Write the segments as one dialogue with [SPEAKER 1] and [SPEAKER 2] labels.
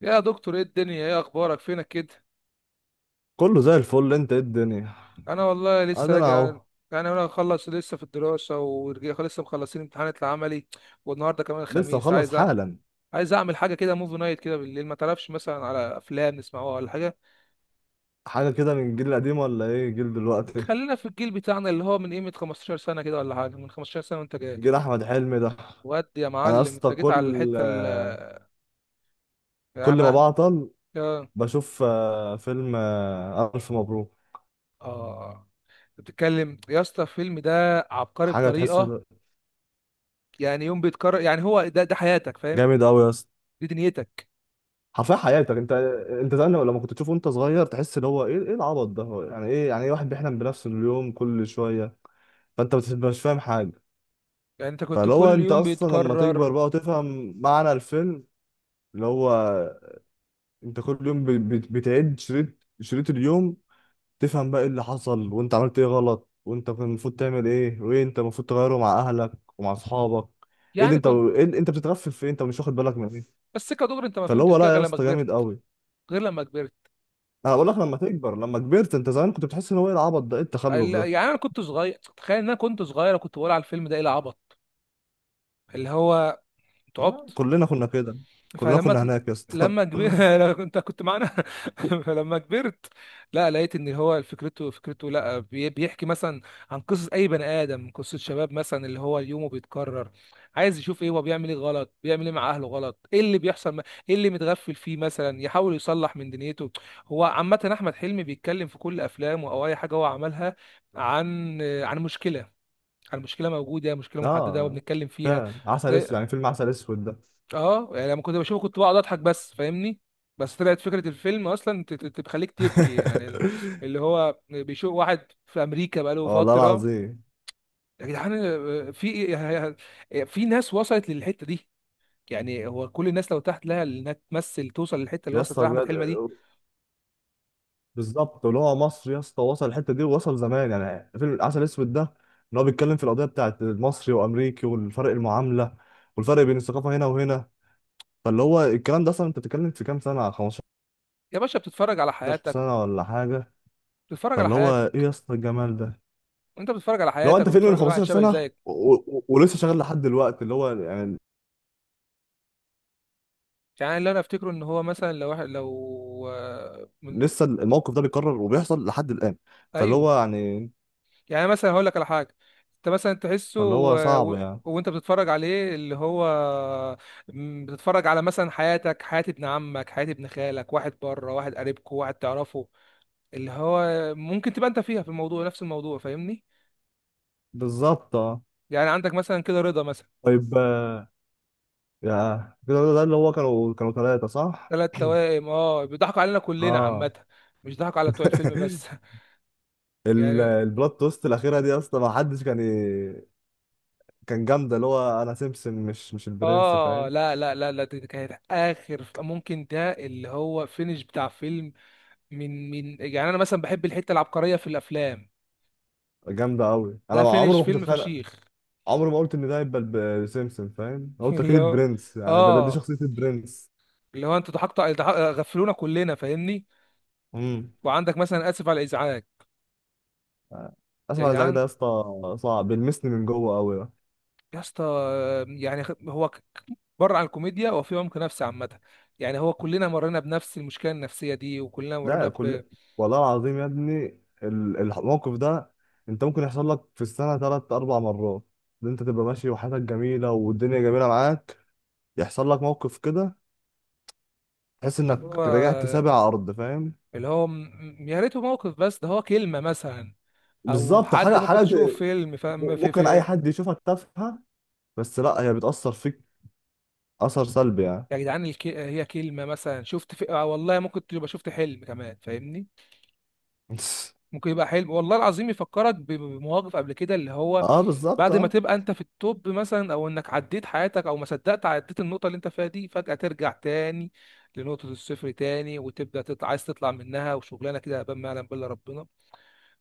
[SPEAKER 1] يا دكتور ايه الدنيا؟ ايه اخبارك؟ فينك كده؟
[SPEAKER 2] كله زي الفل. انت ايه الدنيا؟
[SPEAKER 1] انا والله لسه
[SPEAKER 2] ادي انا
[SPEAKER 1] راجع.
[SPEAKER 2] اهو.
[SPEAKER 1] يعني انا مخلص لسه في الدراسه ورجع لسه مخلصين امتحانات العملي والنهارده كمان
[SPEAKER 2] لسه
[SPEAKER 1] الخميس
[SPEAKER 2] مخلص
[SPEAKER 1] عايز أعمل.
[SPEAKER 2] حالا.
[SPEAKER 1] عايز اعمل حاجه كده، موفي نايت كده بالليل، ما تعرفش مثلا على افلام نسمعوها ولا حاجه؟
[SPEAKER 2] حاجه كده من الجيل القديم ولا ايه جيل دلوقتي؟
[SPEAKER 1] خلينا في الجيل بتاعنا اللي هو من قيمه 15 سنه كده ولا حاجه، من 15 سنه وانت جاي.
[SPEAKER 2] جيل احمد حلمي ده.
[SPEAKER 1] ودي يا
[SPEAKER 2] انا يا
[SPEAKER 1] معلم
[SPEAKER 2] اسطى
[SPEAKER 1] انت جيت على الحته يا
[SPEAKER 2] كل ما
[SPEAKER 1] محمد.
[SPEAKER 2] بعطل
[SPEAKER 1] اه
[SPEAKER 2] بشوف فيلم الف مبروك.
[SPEAKER 1] آه. بتتكلم يا اسطى، الفيلم ده عبقري
[SPEAKER 2] حاجه تحس.
[SPEAKER 1] بطريقه. يعني يوم بيتكرر، يعني هو ده حياتك، فاهم؟
[SPEAKER 2] جامد قوي يا اسطى.
[SPEAKER 1] دي دنيتك.
[SPEAKER 2] حرفيا حياتك انت. انت زمان لما كنت تشوفه وانت صغير تحس اللي هو ايه العبط ده؟ هو يعني ايه؟ يعني ايه واحد بيحلم بنفس اليوم كل شويه؟ فانت مش فاهم حاجه.
[SPEAKER 1] يعني انت كنت
[SPEAKER 2] فاللي هو
[SPEAKER 1] كل
[SPEAKER 2] انت
[SPEAKER 1] يوم
[SPEAKER 2] اصلا لما تكبر
[SPEAKER 1] بيتكرر؟
[SPEAKER 2] بقى وتفهم معنى الفيلم، اللي هو انت كل يوم بتعد شريط، شريط اليوم، تفهم بقى ايه اللي حصل، وانت عملت ايه غلط، وانت كان المفروض تعمل ايه، وايه انت المفروض تغيره مع اهلك ومع اصحابك. ايه اللي
[SPEAKER 1] يعني
[SPEAKER 2] انت
[SPEAKER 1] كنت
[SPEAKER 2] بتتغفل في ايه؟ انت مش واخد بالك من ايه؟
[SPEAKER 1] بس كدغري انت ما
[SPEAKER 2] فاللي هو
[SPEAKER 1] فهمتش كده
[SPEAKER 2] لا يا
[SPEAKER 1] غير لما
[SPEAKER 2] اسطى،
[SPEAKER 1] كبرت،
[SPEAKER 2] جامد قوي.
[SPEAKER 1] غير لما كبرت.
[SPEAKER 2] انا بقول لك، لما كبرت، انت زمان كنت بتحس ان هو ايه العبط ده، ايه التخلف ده.
[SPEAKER 1] يعني انا كنت صغير، تخيل ان انا كنت صغير وكنت بقول على الفيلم ده ايه العبط اللي هو،
[SPEAKER 2] لا،
[SPEAKER 1] تعبت.
[SPEAKER 2] كلنا كنا كده. كلنا
[SPEAKER 1] فلما
[SPEAKER 2] كنا
[SPEAKER 1] تل-
[SPEAKER 2] هناك يا اسطى.
[SPEAKER 1] لما كبر انت كنت معانا فلما كبرت، لا لقيت ان هو فكرته، فكرته لا بيحكي مثلا عن قصص اي بني ادم، قصة شباب مثلا اللي هو يومه بيتكرر، عايز يشوف ايه هو، بيعمل ايه غلط، بيعمل ايه مع اهله غلط، ايه اللي بيحصل ايه اللي متغفل فيه مثلا، يحاول يصلح من دنيته. هو عامة احمد حلمي بيتكلم في كل افلامه او اي حاجة هو عملها عن مشكلة، عن مشكلة موجودة، مشكلة محددة
[SPEAKER 2] اه.
[SPEAKER 1] وبنتكلم فيها.
[SPEAKER 2] فعلا عسل اسود، يعني
[SPEAKER 1] آه،
[SPEAKER 2] فيلم عسل اسود ده.
[SPEAKER 1] اه يعني لما كنت بشوفه كنت بقعد اضحك بس، فاهمني؟ بس طلعت فكرة الفيلم اصلا تخليك تبكي يعني. اللي هو بيشوف واحد في امريكا بقاله
[SPEAKER 2] والله
[SPEAKER 1] فترة،
[SPEAKER 2] العظيم
[SPEAKER 1] يا جدعان. في ناس وصلت للحتة دي. يعني هو كل الناس لو تحت لها انها تمثل توصل للحتة اللي
[SPEAKER 2] يا
[SPEAKER 1] وصل فيها
[SPEAKER 2] اسطى
[SPEAKER 1] احمد
[SPEAKER 2] بجد.
[SPEAKER 1] حلمي دي.
[SPEAKER 2] بالظبط، اللي هو مصر يا اسطى وصل الحته دي، ووصل زمان، يعني فيلم العسل الاسود ده ان هو بيتكلم في القضيه بتاعت المصري وامريكي، والفرق المعامله، والفرق بين الثقافه هنا وهنا. فاللي هو الكلام ده اصلا انت بتتكلم في كام سنه؟ 15
[SPEAKER 1] يا باشا بتتفرج على حياتك،
[SPEAKER 2] سنه ولا حاجه.
[SPEAKER 1] بتتفرج على
[SPEAKER 2] فاللي هو ايه
[SPEAKER 1] حياتك.
[SPEAKER 2] يا اسطى الجمال ده؟
[SPEAKER 1] انت بتتفرج على
[SPEAKER 2] لو
[SPEAKER 1] حياتك
[SPEAKER 2] انت فيلم من
[SPEAKER 1] وبتتفرج على واحد
[SPEAKER 2] 15
[SPEAKER 1] شبه
[SPEAKER 2] سنه
[SPEAKER 1] زيك.
[SPEAKER 2] ولسه شغال لحد دلوقتي، اللي هو يعني
[SPEAKER 1] يعني اللي انا افتكره ان هو مثلا لو واحد لو آه، من-
[SPEAKER 2] لسه الموقف ده بيتكرر وبيحصل لحد الان. فاللي
[SPEAKER 1] ايوه.
[SPEAKER 2] هو يعني،
[SPEAKER 1] يعني مثلا هقول لك على حاجه، انت مثلا تحسه
[SPEAKER 2] فاللي هو صعب يعني.
[SPEAKER 1] وانت بتتفرج عليه اللي هو بتتفرج على مثلا حياتك، حياة ابن عمك، حياة ابن خالك، واحد بره، واحد قريبكو، واحد تعرفه، اللي هو ممكن تبقى انت فيها في الموضوع، نفس الموضوع، فاهمني؟
[SPEAKER 2] بالظبط، اه.
[SPEAKER 1] يعني عندك مثلا كده رضا مثلا،
[SPEAKER 2] طيب يا كده ده اللي هو كانوا ثلاثه، صح؟
[SPEAKER 1] ثلاث توائم. اه، بيضحكوا علينا كلنا
[SPEAKER 2] اه.
[SPEAKER 1] عامة، مش ضحكوا على بتوع الفيلم بس. يعني
[SPEAKER 2] البلوت توست الاخيره دي اصلا ما حدش كان كان جامده. اللي هو انا سيمبسون، مش البرنس،
[SPEAKER 1] اه
[SPEAKER 2] فاهم.
[SPEAKER 1] لا لا لا لا، دي كانت اخر ممكن ده اللي هو فينش بتاع فيلم. من يعني انا مثلا بحب الحته العبقريه في الافلام،
[SPEAKER 2] جامده قوي. انا
[SPEAKER 1] ده
[SPEAKER 2] عمري
[SPEAKER 1] فينش
[SPEAKER 2] ما كنت
[SPEAKER 1] فيلم
[SPEAKER 2] اتخانق،
[SPEAKER 1] فشيخ.
[SPEAKER 2] عمري ما قلت ان ده هيبقى سيمبسون، فاهم. أنا قلت اكيد
[SPEAKER 1] اللي هو،
[SPEAKER 2] البرنس، يعني ده دي
[SPEAKER 1] اه،
[SPEAKER 2] شخصيه البرنس.
[SPEAKER 1] اللي هو انتوا ضحكتوا غفلونا كلنا فاهمني.
[SPEAKER 2] امم.
[SPEAKER 1] وعندك مثلا اسف على الازعاج،
[SPEAKER 2] اسف
[SPEAKER 1] يا
[SPEAKER 2] على الازعاج
[SPEAKER 1] جدعان،
[SPEAKER 2] ده يا اسطى، صعب، بيلمسني من جوه قوي ده.
[SPEAKER 1] يا اسطى، يعني بره عن الكوميديا هو في عمق نفسي عامه. يعني هو كلنا مرينا بنفس المشكله النفسيه دي، وكلنا مرينا
[SPEAKER 2] ده
[SPEAKER 1] ب
[SPEAKER 2] كل والله العظيم يا ابني، الموقف ده انت ممكن يحصل لك في السنه ثلاث اربع مرات. ان انت تبقى ماشي وحياتك جميله والدنيا جميله معاك، يحصل لك موقف كده تحس
[SPEAKER 1] اللي هو،
[SPEAKER 2] انك رجعت سابع ارض، فاهم.
[SPEAKER 1] اللي هو يا ريته موقف بس، ده هو كلمه مثلا، او
[SPEAKER 2] بالظبط،
[SPEAKER 1] حد
[SPEAKER 2] حاجه
[SPEAKER 1] ممكن
[SPEAKER 2] حاجه
[SPEAKER 1] تشوفه في فيلم،
[SPEAKER 2] ممكن اي حد يشوفك تافهه، بس لا، هي بتاثر فيك، اثر سلبي يعني.
[SPEAKER 1] يا جدعان. هي كلمة مثلا شفت آه والله، ممكن تبقى شفت حلم كمان، فاهمني؟ ممكن يبقى حلم، والله العظيم، يفكرك بمواقف قبل كده، اللي هو
[SPEAKER 2] اه، بالظبط،
[SPEAKER 1] بعد ما
[SPEAKER 2] اه.
[SPEAKER 1] تبقى انت في التوب مثلا، او انك عديت حياتك، او ما صدقت عديت النقطة اللي انت فيها دي، فجأة ترجع تاني لنقطة الصفر تاني، وتبدأ تطلع، عايز تطلع منها وشغلانة كده هبان ما يعلم بالله ربنا.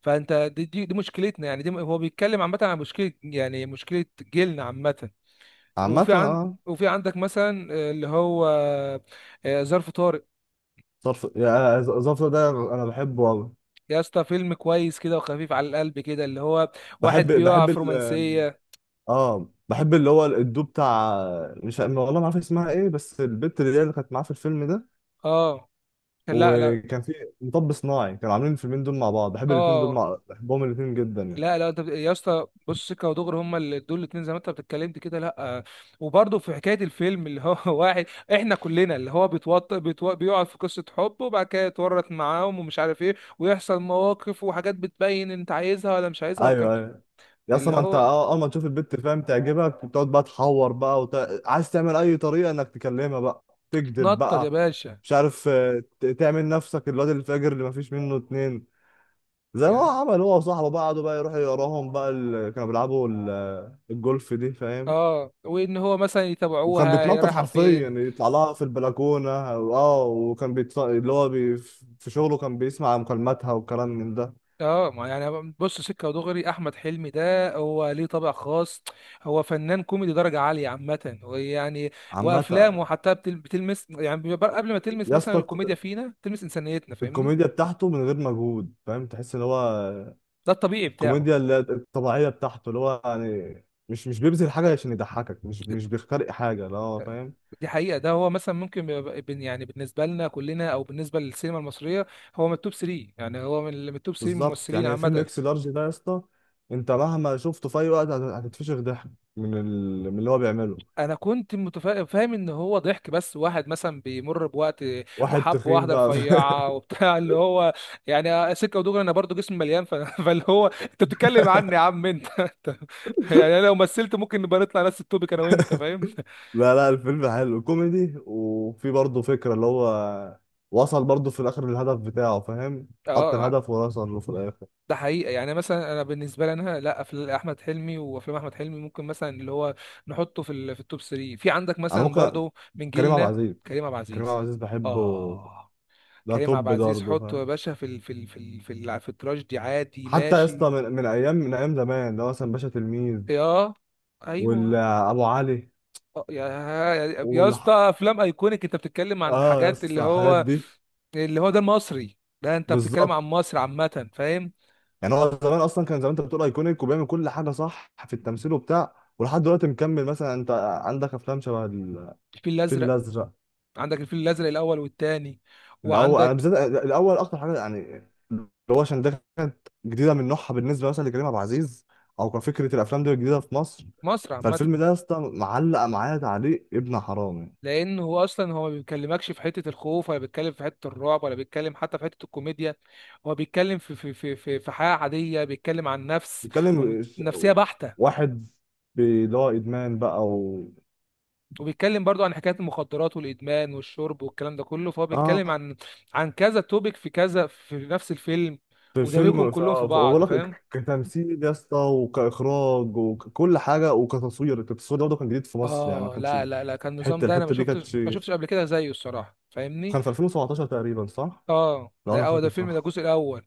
[SPEAKER 1] فانت دي مشكلتنا يعني، دي هو بيتكلم عامة عن مشكلة، يعني مشكلة جيلنا عامة.
[SPEAKER 2] عامه،
[SPEAKER 1] وفي عن
[SPEAKER 2] اه.
[SPEAKER 1] وفي عندك مثلا اللي هو ظرف طارئ،
[SPEAKER 2] صرف، يعني الظرف ده انا بحبه أوي.
[SPEAKER 1] يا اسطى، فيلم كويس كده وخفيف على القلب كده، اللي هو
[SPEAKER 2] بحب
[SPEAKER 1] واحد بيقع
[SPEAKER 2] بحب
[SPEAKER 1] في
[SPEAKER 2] ال
[SPEAKER 1] رومانسية.
[SPEAKER 2] اه، بحب اللي هو الدو بتاع، مش عارف- والله ما عارف اسمها ايه، بس البت اللي كانت معاه في الفيلم ده،
[SPEAKER 1] اه لا لا
[SPEAKER 2] وكان في مطب صناعي. كانوا عاملين الفيلمين دول مع بعض.
[SPEAKER 1] اه
[SPEAKER 2] بحبهم الاتنين جدا يعني.
[SPEAKER 1] لا لا، انت يا اسطى بص سكه ودغري، هما اللي دول الاتنين زي ما انت بتتكلمت كده، لا. وبرضه في حكايه الفيلم اللي هو واحد، احنا كلنا، اللي هو بيقع في قصه حب، وبعد كده يتورط معاهم ومش عارف ايه، ويحصل مواقف وحاجات بتبين انت عايزها ولا مش عايزها والكلام.
[SPEAKER 2] ايوه، ايوه. يا اسطى
[SPEAKER 1] اللي
[SPEAKER 2] ما انت،
[SPEAKER 1] هو
[SPEAKER 2] اول ما تشوف البت، فاهم، تعجبك، بتقعد بقى تحور بقى عايز تعمل اي طريقه انك تكلمها بقى، تكذب
[SPEAKER 1] تتنطط يا
[SPEAKER 2] بقى،
[SPEAKER 1] باشا.
[SPEAKER 2] مش عارف، تعمل نفسك الواد الفاجر اللي ما فيش منه اتنين. زي ما هو
[SPEAKER 1] يعني
[SPEAKER 2] عمل، هو وصاحبه بقى، قعدوا بقى يروحوا يقراهم بقى كانوا بيلعبوا الجولف دي، فاهم.
[SPEAKER 1] اه، وان هو مثلا
[SPEAKER 2] وكان
[SPEAKER 1] يتابعوها هي
[SPEAKER 2] بيتنطط
[SPEAKER 1] رايحه
[SPEAKER 2] حرفيا
[SPEAKER 1] فين.
[SPEAKER 2] يعني، يطلع لها في البلكونه، وكان بيت... اللي هو بي... في شغله كان بيسمع مكالماتها والكلام من ده.
[SPEAKER 1] اه، ما يعني بص سكه ودغري، احمد حلمي ده هو ليه طابع خاص، هو فنان كوميدي درجه عاليه عامه، ويعني
[SPEAKER 2] عامة
[SPEAKER 1] وافلامه حتى بتلمس، يعني بيبقى قبل ما تلمس
[SPEAKER 2] يا
[SPEAKER 1] مثلا
[SPEAKER 2] اسطى،
[SPEAKER 1] الكوميديا فينا تلمس انسانيتنا، فاهمني؟
[SPEAKER 2] الكوميديا بتاعته من غير مجهود، فاهم. تحس ان هو
[SPEAKER 1] ده الطبيعي بتاعه.
[SPEAKER 2] الكوميديا اللي هي الطبيعيه بتاعته، اللي هو يعني مش بيبذل حاجه عشان يضحكك، مش بيخترق حاجه، اللي هو فاهم.
[SPEAKER 1] دي حقيقه، ده هو مثلا ممكن يبقى يعني بالنسبه لنا كلنا او بالنسبه للسينما المصريه هو من التوب 3، يعني هو من التوب 3
[SPEAKER 2] بالظبط.
[SPEAKER 1] ممثلين
[SPEAKER 2] يعني فيلم
[SPEAKER 1] عامه.
[SPEAKER 2] اكس لارج ده يا اسطى، انت مهما شفته في اي وقت هتتفشخ ضحك من اللي هو بيعمله.
[SPEAKER 1] انا كنت فاهم ان هو ضحك بس، واحد مثلا بيمر بوقت
[SPEAKER 2] واحد
[SPEAKER 1] وحب
[SPEAKER 2] تخين
[SPEAKER 1] واحده
[SPEAKER 2] بقى.
[SPEAKER 1] رفيعه وبتاع، اللي هو يعني سكه ودغري انا برضو جسمي مليان فاللي هو انت بتتكلم عني يا عم انت. يعني انا لو مثلت ممكن نبقى نطلع نفس التوبيك، انا وانت فاهم.
[SPEAKER 2] لا لا، الفيلم حلو، كوميدي، وفي برضه فكره اللي هو وصل برضه في الاخر للهدف بتاعه، فاهم، حط
[SPEAKER 1] اه،
[SPEAKER 2] الهدف ووصل له في الاخر.
[SPEAKER 1] ده حقيقة. يعني مثلا انا بالنسبة لي انا، لا افلام احمد حلمي، وافلام احمد حلمي ممكن مثلا اللي هو نحطه في في التوب 3. في عندك
[SPEAKER 2] انا
[SPEAKER 1] مثلا
[SPEAKER 2] ممكن،
[SPEAKER 1] برضو من
[SPEAKER 2] كريم عبد
[SPEAKER 1] جيلنا
[SPEAKER 2] العزيز.
[SPEAKER 1] كريم عبد
[SPEAKER 2] كريم عبد
[SPEAKER 1] العزيز.
[SPEAKER 2] العزيز بحبه.
[SPEAKER 1] اه،
[SPEAKER 2] ده
[SPEAKER 1] كريم عبد
[SPEAKER 2] توب ده
[SPEAKER 1] العزيز
[SPEAKER 2] برضه،
[SPEAKER 1] حطه يا
[SPEAKER 2] فاهم.
[SPEAKER 1] باشا في ال في ال في ال في, ال في التراجيدي عادي
[SPEAKER 2] حتى يا اسطى،
[SPEAKER 1] ماشي.
[SPEAKER 2] من ايام زمان، ده مثلا باشا تلميذ،
[SPEAKER 1] يا، ايوه،
[SPEAKER 2] والابو علي،
[SPEAKER 1] آه، يا يا
[SPEAKER 2] وال
[SPEAKER 1] اسطى افلام ايكونيك، انت بتتكلم عن
[SPEAKER 2] اه يا
[SPEAKER 1] حاجات اللي
[SPEAKER 2] اسطى، الحاجات
[SPEAKER 1] هو،
[SPEAKER 2] دي
[SPEAKER 1] اللي هو ده المصري، ده انت بتتكلم
[SPEAKER 2] بالظبط.
[SPEAKER 1] عن مصر عامه، فاهم؟
[SPEAKER 2] يعني هو زمان اصلا، كان زمان انت بتقول ايكونيك وبيعمل كل حاجه صح في التمثيل وبتاع، ولحد دلوقتي مكمل. مثلا انت عندك افلام شبه الفيل
[SPEAKER 1] الفيل الازرق.
[SPEAKER 2] الازرق.
[SPEAKER 1] عندك الفيل الازرق الاول والتاني،
[SPEAKER 2] الاول، انا
[SPEAKER 1] وعندك
[SPEAKER 2] بالذات الاول اكتر حاجه، يعني اللي هو عشان ده كانت جديده من نوعها بالنسبه مثلا لكريم عبد العزيز، او كفكره الافلام دي جديده في مصر.
[SPEAKER 1] مصر عامه.
[SPEAKER 2] فالفيلم ده يا اسطى معلق معايا تعليق ابن حرام يعني.
[SPEAKER 1] لانه هو اصلا هو ما بيكلمكش في حته الخوف، ولا بيتكلم في حته الرعب، ولا بيتكلم حتى في حته الكوميديا. هو بيتكلم في حياه عاديه، بيتكلم عن نفس
[SPEAKER 2] بيتكلم ش-
[SPEAKER 1] ونفسيه بحته.
[SPEAKER 2] واحد اللي هو ادمان بقى
[SPEAKER 1] وبيتكلم برضو عن حكاية المخدرات والإدمان والشرب والكلام ده كله، فهو بيتكلم
[SPEAKER 2] اه،
[SPEAKER 1] عن كذا توبيك في كذا في نفس الفيلم،
[SPEAKER 2] في
[SPEAKER 1] ودمجهم
[SPEAKER 2] الفيلم، في
[SPEAKER 1] كلهم في
[SPEAKER 2] اه بقول
[SPEAKER 1] بعض،
[SPEAKER 2] لك
[SPEAKER 1] فاهم؟
[SPEAKER 2] كتمثيل يا اسطى، وكاخراج، وكل حاجه، وكتصوير. التصوير ده برضه كان جديد في مصر، يعني ما
[SPEAKER 1] اه
[SPEAKER 2] كانش
[SPEAKER 1] لا لا لا، كان
[SPEAKER 2] الحته
[SPEAKER 1] النظام ده انا ما
[SPEAKER 2] الحته دي كانت،
[SPEAKER 1] شفتش ما شفتش قبل كده زيه الصراحة، فاهمني؟
[SPEAKER 2] كان في 2017 تقريبا، صح؟
[SPEAKER 1] اه،
[SPEAKER 2] لو
[SPEAKER 1] ده
[SPEAKER 2] انا
[SPEAKER 1] اول، ده
[SPEAKER 2] فاكر
[SPEAKER 1] الفيلم ده
[SPEAKER 2] صح.
[SPEAKER 1] الجزء الاول.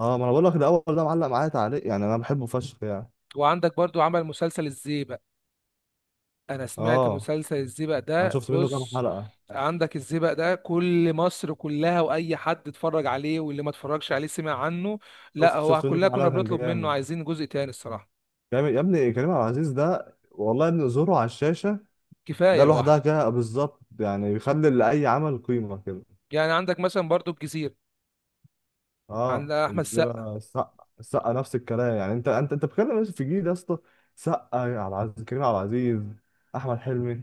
[SPEAKER 2] اه، ما انا بقول لك، ده اول ده معلق معايا تعليق، يعني انا بحبه فشخ يعني.
[SPEAKER 1] وعندك برضو عمل مسلسل الزيبق، انا سمعت
[SPEAKER 2] اه،
[SPEAKER 1] مسلسل الزيبق
[SPEAKER 2] انا
[SPEAKER 1] ده
[SPEAKER 2] شفت منه كام
[SPEAKER 1] بص.
[SPEAKER 2] حلقه.
[SPEAKER 1] عندك الزيبق ده كل مصر كلها، واي حد اتفرج عليه، واللي ما اتفرجش عليه سمع عنه. لا،
[SPEAKER 2] شفت
[SPEAKER 1] هو
[SPEAKER 2] شفت منه
[SPEAKER 1] كلنا
[SPEAKER 2] كام
[SPEAKER 1] كنا
[SPEAKER 2] حلقه، كان
[SPEAKER 1] بنطلب منه
[SPEAKER 2] جامد.
[SPEAKER 1] عايزين جزء تاني الصراحة،
[SPEAKER 2] جامد يا ابني. كريم عبد العزيز ده والله يا ابني، ظهوره على الشاشه
[SPEAKER 1] كفايه
[SPEAKER 2] ده لوحدها
[SPEAKER 1] لوحده.
[SPEAKER 2] كده، بالظبط، يعني بيخلي لاي عمل قيمه كده.
[SPEAKER 1] يعني عندك مثلا برضو الجزيره، عند
[SPEAKER 2] اه،
[SPEAKER 1] احمد السقا.
[SPEAKER 2] الجزيره، السقا نفس الكلام، يعني انت بتتكلم في جيل يا اسطى. سقا، عبد العزيز، كريم عبد العزيز، احمد حلمي.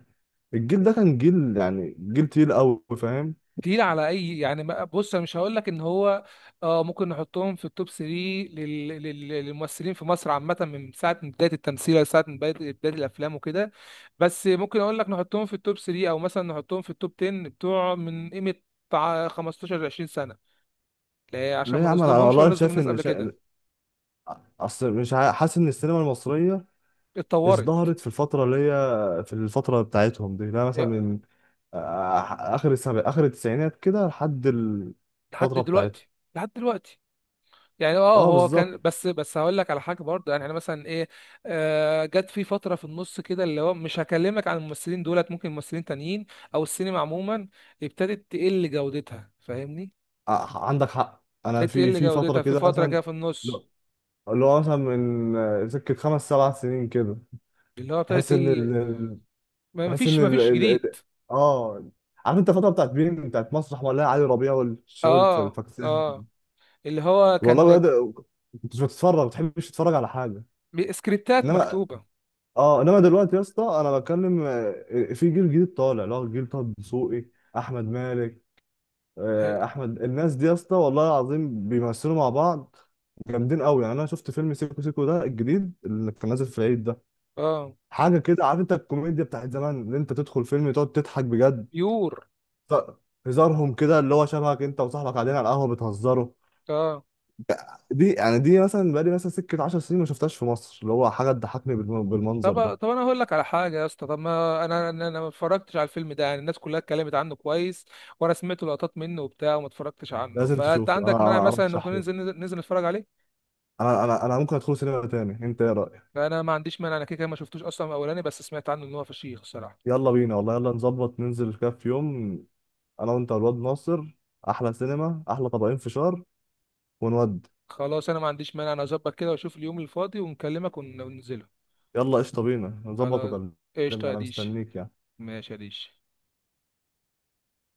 [SPEAKER 2] الجيل ده كان جيل، يعني جيل تقيل قوي، فاهم.
[SPEAKER 1] تقيل على اي يعني، بص انا مش هقول لك ان هو، اه، ممكن نحطهم في التوب 3 للممثلين في مصر عامه من ساعه من بدايه التمثيل لساعه من بدايه بداية الافلام وكده. بس ممكن اقول لك نحطهم في التوب 3 او مثلا نحطهم في التوب 10 بتوع من قيمه بتاع 15 ل 20 سنه، لا،
[SPEAKER 2] ليه
[SPEAKER 1] عشان
[SPEAKER 2] يا
[SPEAKER 1] ما
[SPEAKER 2] عم؟ انا
[SPEAKER 1] نظلمهمش ولا
[SPEAKER 2] والله
[SPEAKER 1] نظلم
[SPEAKER 2] شايف
[SPEAKER 1] الناس
[SPEAKER 2] ان
[SPEAKER 1] قبل كده.
[SPEAKER 2] اصل مش حاسس ان السينما المصريه
[SPEAKER 1] اتطورت
[SPEAKER 2] ازدهرت في الفتره بتاعتهم دي. لا مثلا، من اخر اخر التسعينات كده لحد
[SPEAKER 1] لحد
[SPEAKER 2] الفتره بتاعتهم.
[SPEAKER 1] دلوقتي، لحد دلوقتي. يعني اه
[SPEAKER 2] اه،
[SPEAKER 1] هو كان،
[SPEAKER 2] بالظبط.
[SPEAKER 1] بس هقول لك على حاجه برضه، يعني انا مثلا ايه، آه جت في فتره في النص كده، اللي هو مش هكلمك عن الممثلين دولت، ممكن ممثلين تانيين او السينما عموما ابتدت تقل جودتها، فاهمني؟
[SPEAKER 2] عندك حق. انا
[SPEAKER 1] ابتدت
[SPEAKER 2] في
[SPEAKER 1] تقل
[SPEAKER 2] في فتره
[SPEAKER 1] جودتها في
[SPEAKER 2] كده
[SPEAKER 1] فتره
[SPEAKER 2] مثلا،
[SPEAKER 1] كده في النص،
[SPEAKER 2] اللي هو مثلا من سكه خمس سبع سنين كده،
[SPEAKER 1] اللي هو ابتدت
[SPEAKER 2] تحس
[SPEAKER 1] تقل، ما
[SPEAKER 2] تحس ان
[SPEAKER 1] فيش ما
[SPEAKER 2] ال...
[SPEAKER 1] فيش
[SPEAKER 2] ال...
[SPEAKER 1] جديد.
[SPEAKER 2] ال- اه. عارف انت الفتره بتاعت مين؟ بتاعت مسرح ولا علي ربيع والشباب
[SPEAKER 1] اه
[SPEAKER 2] الفكسان.
[SPEAKER 1] اه، اللي هو كان
[SPEAKER 2] والله بجد، كنت مش بتتفرج، ما بتحبش تتفرج على حاجه.
[SPEAKER 1] سكريبتات
[SPEAKER 2] انما،
[SPEAKER 1] مكتوبه.
[SPEAKER 2] اه، انما دلوقتي يا اسطى، انا بتكلم، في جيل جديد طالع، اللي هو جيل طه دسوقي، احمد مالك، احمد. الناس دي يا اسطى والله العظيم بيمثلوا مع بعض جامدين قوي، يعني انا شفت فيلم سيكو سيكو ده الجديد اللي كان نازل في العيد ده.
[SPEAKER 1] اه،
[SPEAKER 2] حاجه كده، عارف انت الكوميديا بتاعت زمان، اللي انت تدخل فيلم تقعد تضحك بجد.
[SPEAKER 1] بيور.
[SPEAKER 2] ط- هزارهم كده اللي هو شبهك انت وصاحبك قاعدين على القهوه بتهزروا.
[SPEAKER 1] اه،
[SPEAKER 2] دي يعني دي مثلا، بقالي مثلا سكه 10 سنين ما شفتهاش في مصر، اللي هو حاجه تضحكني بالمنظر
[SPEAKER 1] طب
[SPEAKER 2] ده.
[SPEAKER 1] طب انا هقول لك على حاجه يا اسطى، طب ما انا ما اتفرجتش على الفيلم ده، يعني الناس كلها اتكلمت عنه كويس، وانا سمعت لقطات منه وبتاع وما اتفرجتش عنه،
[SPEAKER 2] لازم
[SPEAKER 1] فانت
[SPEAKER 2] تشوفه، انا
[SPEAKER 1] عندك مانع
[SPEAKER 2] انا
[SPEAKER 1] مثلا إن ممكن
[SPEAKER 2] ارشحه.
[SPEAKER 1] ننزل نتفرج عليه؟
[SPEAKER 2] انا ممكن ادخل سينما تاني. انت ايه رايك؟
[SPEAKER 1] انا ما عنديش مانع، انا كده كده ما شفتوش اصلا من اولاني، بس سمعت عنه ان هو فشيخ الصراحه.
[SPEAKER 2] يلا بينا، والله، يلا نظبط ننزل كده في يوم، انا وانت والواد ناصر. احلى سينما، احلى طبقين فشار، ونود.
[SPEAKER 1] خلاص انا ما عنديش مانع، انا اظبط كده واشوف اليوم الفاضي ونكلمك وننزله.
[SPEAKER 2] يلا قشطه، بينا نظبط
[SPEAKER 1] خلاص،
[SPEAKER 2] وكلمني.
[SPEAKER 1] قشطه يا
[SPEAKER 2] انا
[SPEAKER 1] ديش.
[SPEAKER 2] مستنيك يعني.
[SPEAKER 1] ماشي يا ديش.